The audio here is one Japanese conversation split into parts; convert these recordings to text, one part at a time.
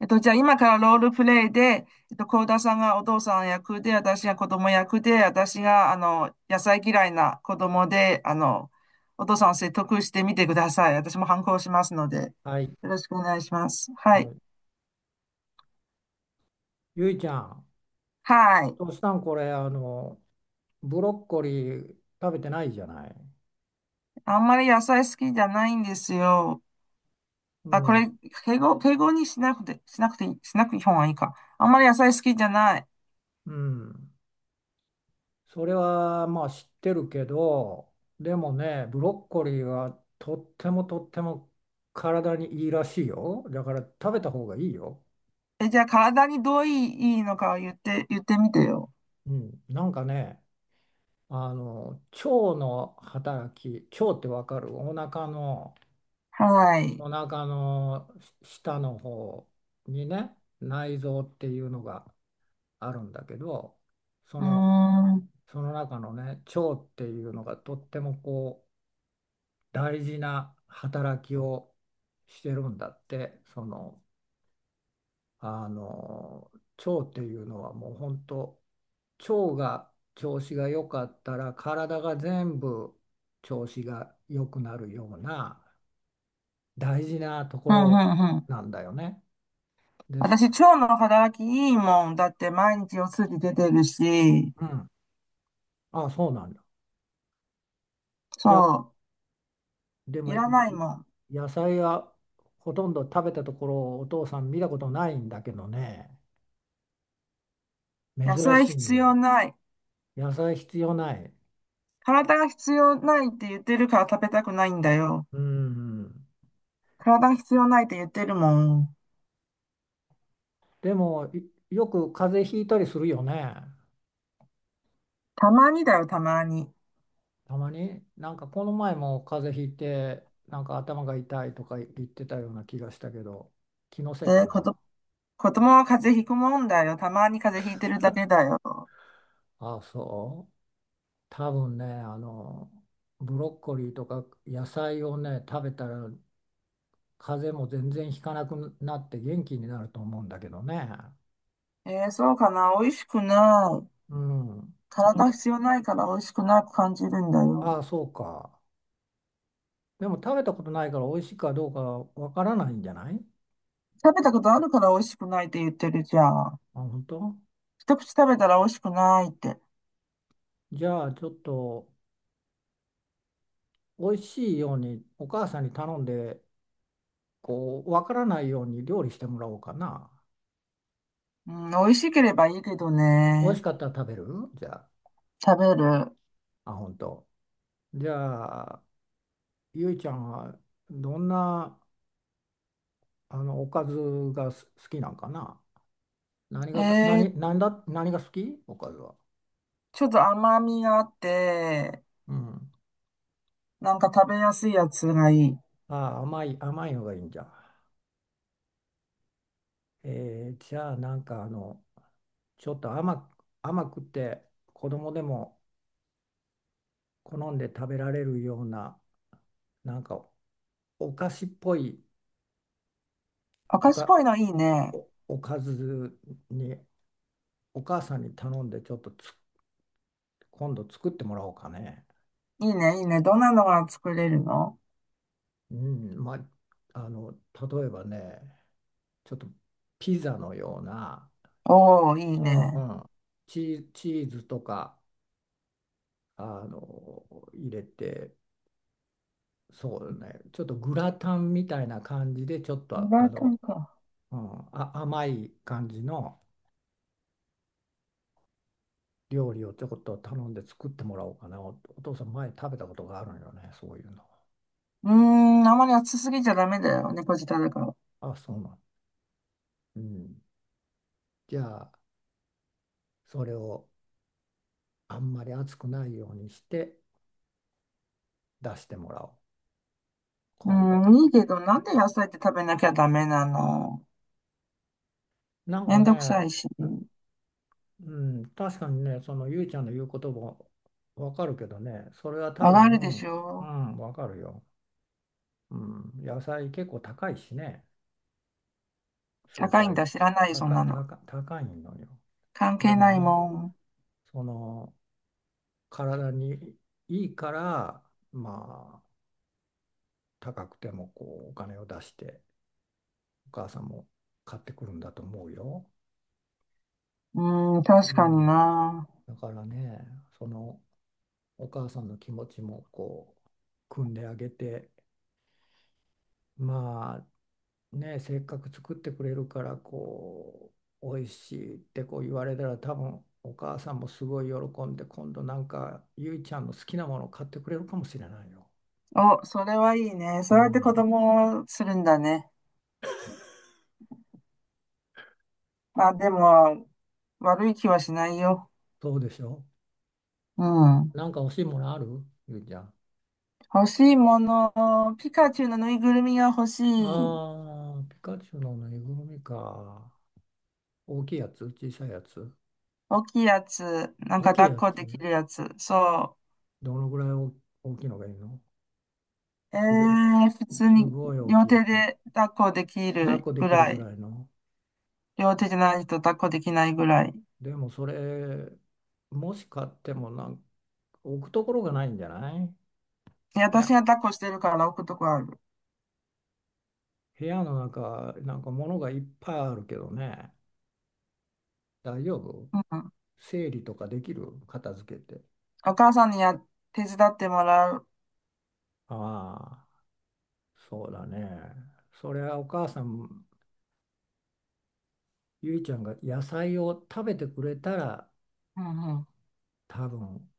じゃあ今からロールプレイで、幸田さんがお父さん役で、私が子供役で、私が、野菜嫌いな子供で、お父さんを説得してみてください。私も反抗しますので、はい、よろしくお願いします。ははい。い。ゆいちゃん、はい。トシさん、これ、ブロッコリー食べてないじゃない。あんまり野菜好きじゃないんですよ。うあ、これ、ん、敬語にしなくて、しなくていい方がいいか。あんまり野菜好きじゃない。うん。それは、まあ、知ってるけど、でもね、ブロッコリーはとってもとっても体にいいらしいよ。だから食べた方がいいよ。え、じゃあ体にどういいのかを言ってみてよ。うん。腸の働き、腸ってわかる、お腹の、はい。お腹の下の方にね、内臓っていうのがあるんだけど、そうーのん。うん、その中のね、腸っていうのがとってもこう大事な働きをしてるんだって。あの腸っていうのはもう本当、腸が調子が良かったら体が全部調子が良くなるような大事なとこうん、ろうん。なんだよね。です。私、腸の働きいいもん。だって毎日お通じ出てるし、うん。あ、そうなんだ。じゃそでう、いもいらないもん。野菜はほとんど食べたところをお父さん見たことないんだけどね。野珍菜しい必要ね。ない。野菜必要ない。体が必要ないって言ってるから食べたくないんだよ。うん体が必要ないって言ってるもん。でもいよく風邪ひいたりするよね。たまにだよ、たまに。たまになんかこの前も風邪ひいて、なんか頭が痛いとか言ってたような気がしたけど、気のせいえかー、こと、な。子供は風邪ひくもんだよ。たまに風邪ひいてるだけだよ。ああそう。多分ね、ブロッコリーとか野菜をね、食べたら風邪も全然ひかなくなって元気になると思うんだけどね。えー、そうかな。美味しくない。うん。なん体か、必要ないから美味しくなく感じるんだよ。ああ、そうか。でも食べたことないから美味しいかどうかわからないんじゃない？食べたことあるから美味しくないって言ってるじゃん。あ、本当？一口食べたら美味しくないって。じゃあちょっと美味しいようにお母さんに頼んで、こう、わからないように料理してもらおうかな。うん、美味しければいいけど美味しね。かったら食べる？じゃあ、食べる。あ、本当？じゃあ、ゆいちゃんはどんな、おかずが好きなんかな。何がた、え何、ー、何だ、何が好き、おかずは。ちょっと甘みがあって、うん。なんか食べやすいやつがいい。ああ、甘いのがいいんじゃん。じゃあ、ちょっと甘く、甘くて子供でも好んで食べられるような、なんかお菓子っぽい赤お石っか、ぽいのいいね。おかずに、お母さんに頼んでちょっと今度作ってもらおうかね。いいね、いいね。どんなのが作れるの？うん、まあ、例えばね、ちょっとピザのような、おー、いいうんうね。ん、チーズとかあの入れて、そうね、ちょっとグラタンみたいな感じで、ちょっフとラあイパの、ンか。うん、あ、甘い感じの料理をちょこっと頼んで作ってもらおうかな。お父さん前食べたことがあるのよね、そういうの。うーん、あまり熱すぎちゃダメだよ。猫舌だから。あそうなん、うん、じゃあそれをあんまり熱くないようにして出してもらおう、今度。うん、いいけど、なんで野菜って食べなきゃダメなの？なんめかんどくさね、いし。うん、確かにね、そのゆいちゃんの言うこともわかるけどね、それは多わかるで分、しうょ？ん、わかるよ。うん、野菜結構高いしね、スー高パいんー、だ、知らないよ、そんなの。高いのよ。関で係もないね、もその体にいいから、まあ、高くてもこうお金を出して、お母さんも買ってくるんだと思うよ。ん。うん、う確かん、にな。だからね、そのお母さんの気持ちもこう、汲んであげて。まあね、せっかく作ってくれるから、こう美味しいってこう言われたら、多分お母さんもすごい喜んで、今度なんかゆいちゃんの好きなものを買ってくれるかもしれないよ。お、それはいいね。うそうやって子ん、供をするんだね。まあでも、悪い気はしないよ。そうでしょ？うん。なんか欲しいものある、ゆいちゃん？欲しいもの。ピカチュウのぬいぐるみが欲しい。ああ、ピカチュウのぬいぐるみか。大きいやつ？小さいやつ？大きいやつ。なん大かきいや抱っこできつ？るやつ。そう。どのぐらい大大きいのがいいの？えすごい。え普通すにごい大き両いや手つ。で抱っこでき抱っるこでぐきるらぐい。らいの。両手じゃないと抱っこできないぐらい。でもそれ、もし買っても、置くところがないんじゃない？で、部私屋、が抱っこしてるから置くとこある。部屋の中、なんか物がいっぱいあるけどね。大丈夫？うん。整理とかできる、片付けて。お母さんに、手伝ってもらう。ああ、そうだね。それはお母さん、ゆいちゃんが野菜を食べてくれたらうんう多分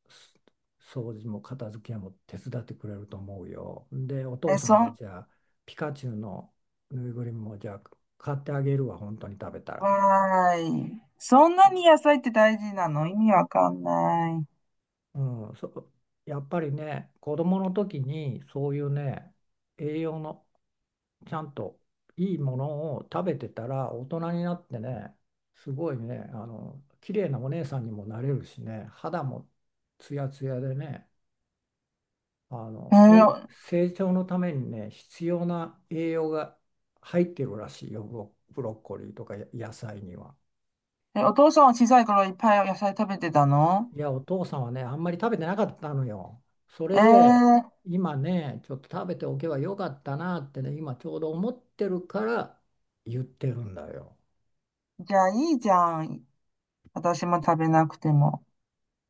掃除も片付けも手伝ってくれると思うよ。で、おん。父え、さんそがん、じゃあピカチュウのぬいぐるみもじゃあ買ってあげるわ、本当に食べたら。わーい。そんなに野菜って大事なの？意味わかんない。うん、そ、やっぱりね、子供の時にそういうね、栄養のちゃんといいものを食べてたら、大人になってね、すごいね、綺麗なお姉さんにもなれるしね、肌もツヤツヤでね、あえのせーお成長のためにね必要な栄養が入ってるらしいよ、ブロッコリーとか野菜には。お父さんは小さい頃いっぱい野菜食べてたの？いや、お父さんはね、あんまり食べてなかったのよ。それえでー、今ね、ちょっと食べておけばよかったなってね、今ちょうど思ってるから言ってるんだよ。じゃあいいじゃん。私も食べなくても。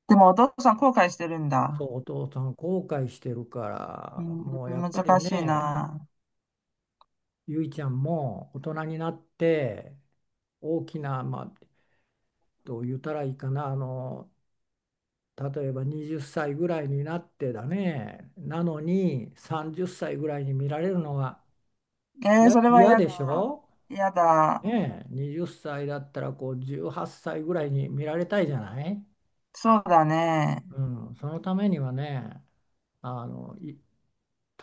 でもお父さん後悔してるんそだ。う、お父さん後悔してるかうら、ん、もうやっぱり難しいね、な。ゆいちゃんも大人になって、大きな、まあ、どう言ったらいいかな、例えば20歳ぐらいになってだね、なのに30歳ぐらいに見られるのがえー、嫌、それは嫌嫌でしだ。ょ？嫌だ。ねえ、20歳だったらこう18歳ぐらいに見られたいじゃない？そうだね。うん、そのためにはね、例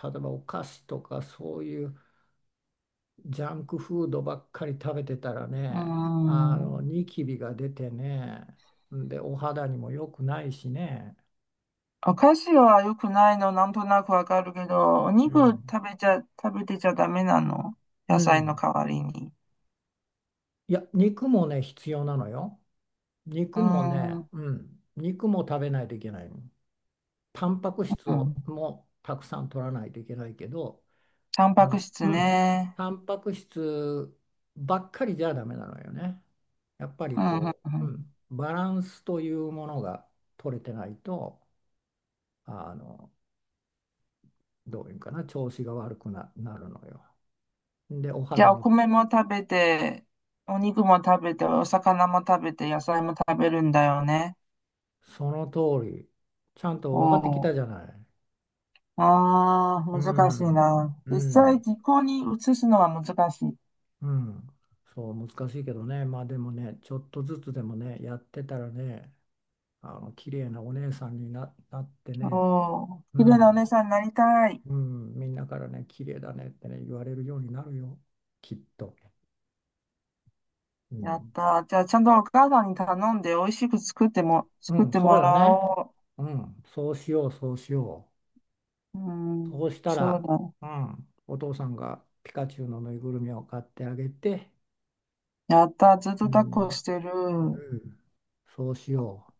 えばお菓子とかそういうジャンクフードばっかり食べてたらうね、ん。ニキビが出てね、で、お肌にも良くないしね。お菓子は良くないの、なんとなくわかるけど、おう肉ん、食べてちゃダメなの？う野菜のん。代わりに。いや、肉もね、必要なのよ。う肉もん。うね、ん。うん、肉も食べないといけないの。タンパク質をもうたくさん取らないといけないけど、タンあパクの、質うん、ね。タンパク質ばっかりじゃダメなのよね。やっぱりうん、うん、こうう、うん。ん、バランスというものが取れてないと、あの、どういうかな、調子が悪くな、なるのよ。で、おじゃ肌あ、おの、米も食べて、お肉も食べて、お魚も食べて、野菜も食べるんだよね。その通り、ちゃんとお分かってきー、たじゃない。ああ、う難しいん、な。う実際、ん。実行に移すのは難しい。うん、そう難しいけどね、まあでもね、ちょっとずつでもね、やってたらね、あの綺麗なお姉さんになってね、おー、う綺麗なん、お姉さんになりたい。うん、みんなからね、綺麗だねってね、言われるようになるよ、きっと。うやっん。たー。じゃあ、ちゃんとお母さんに頼んで、美味しくう作っん、てそうもよらね。おうん、そうしよう。うう。そん、うしたそら、ううん、お父さんがピカチュウのぬいぐるみを買ってあげて、だ。やったー。ずっとう抱っこん。してる。うん、そうしよう。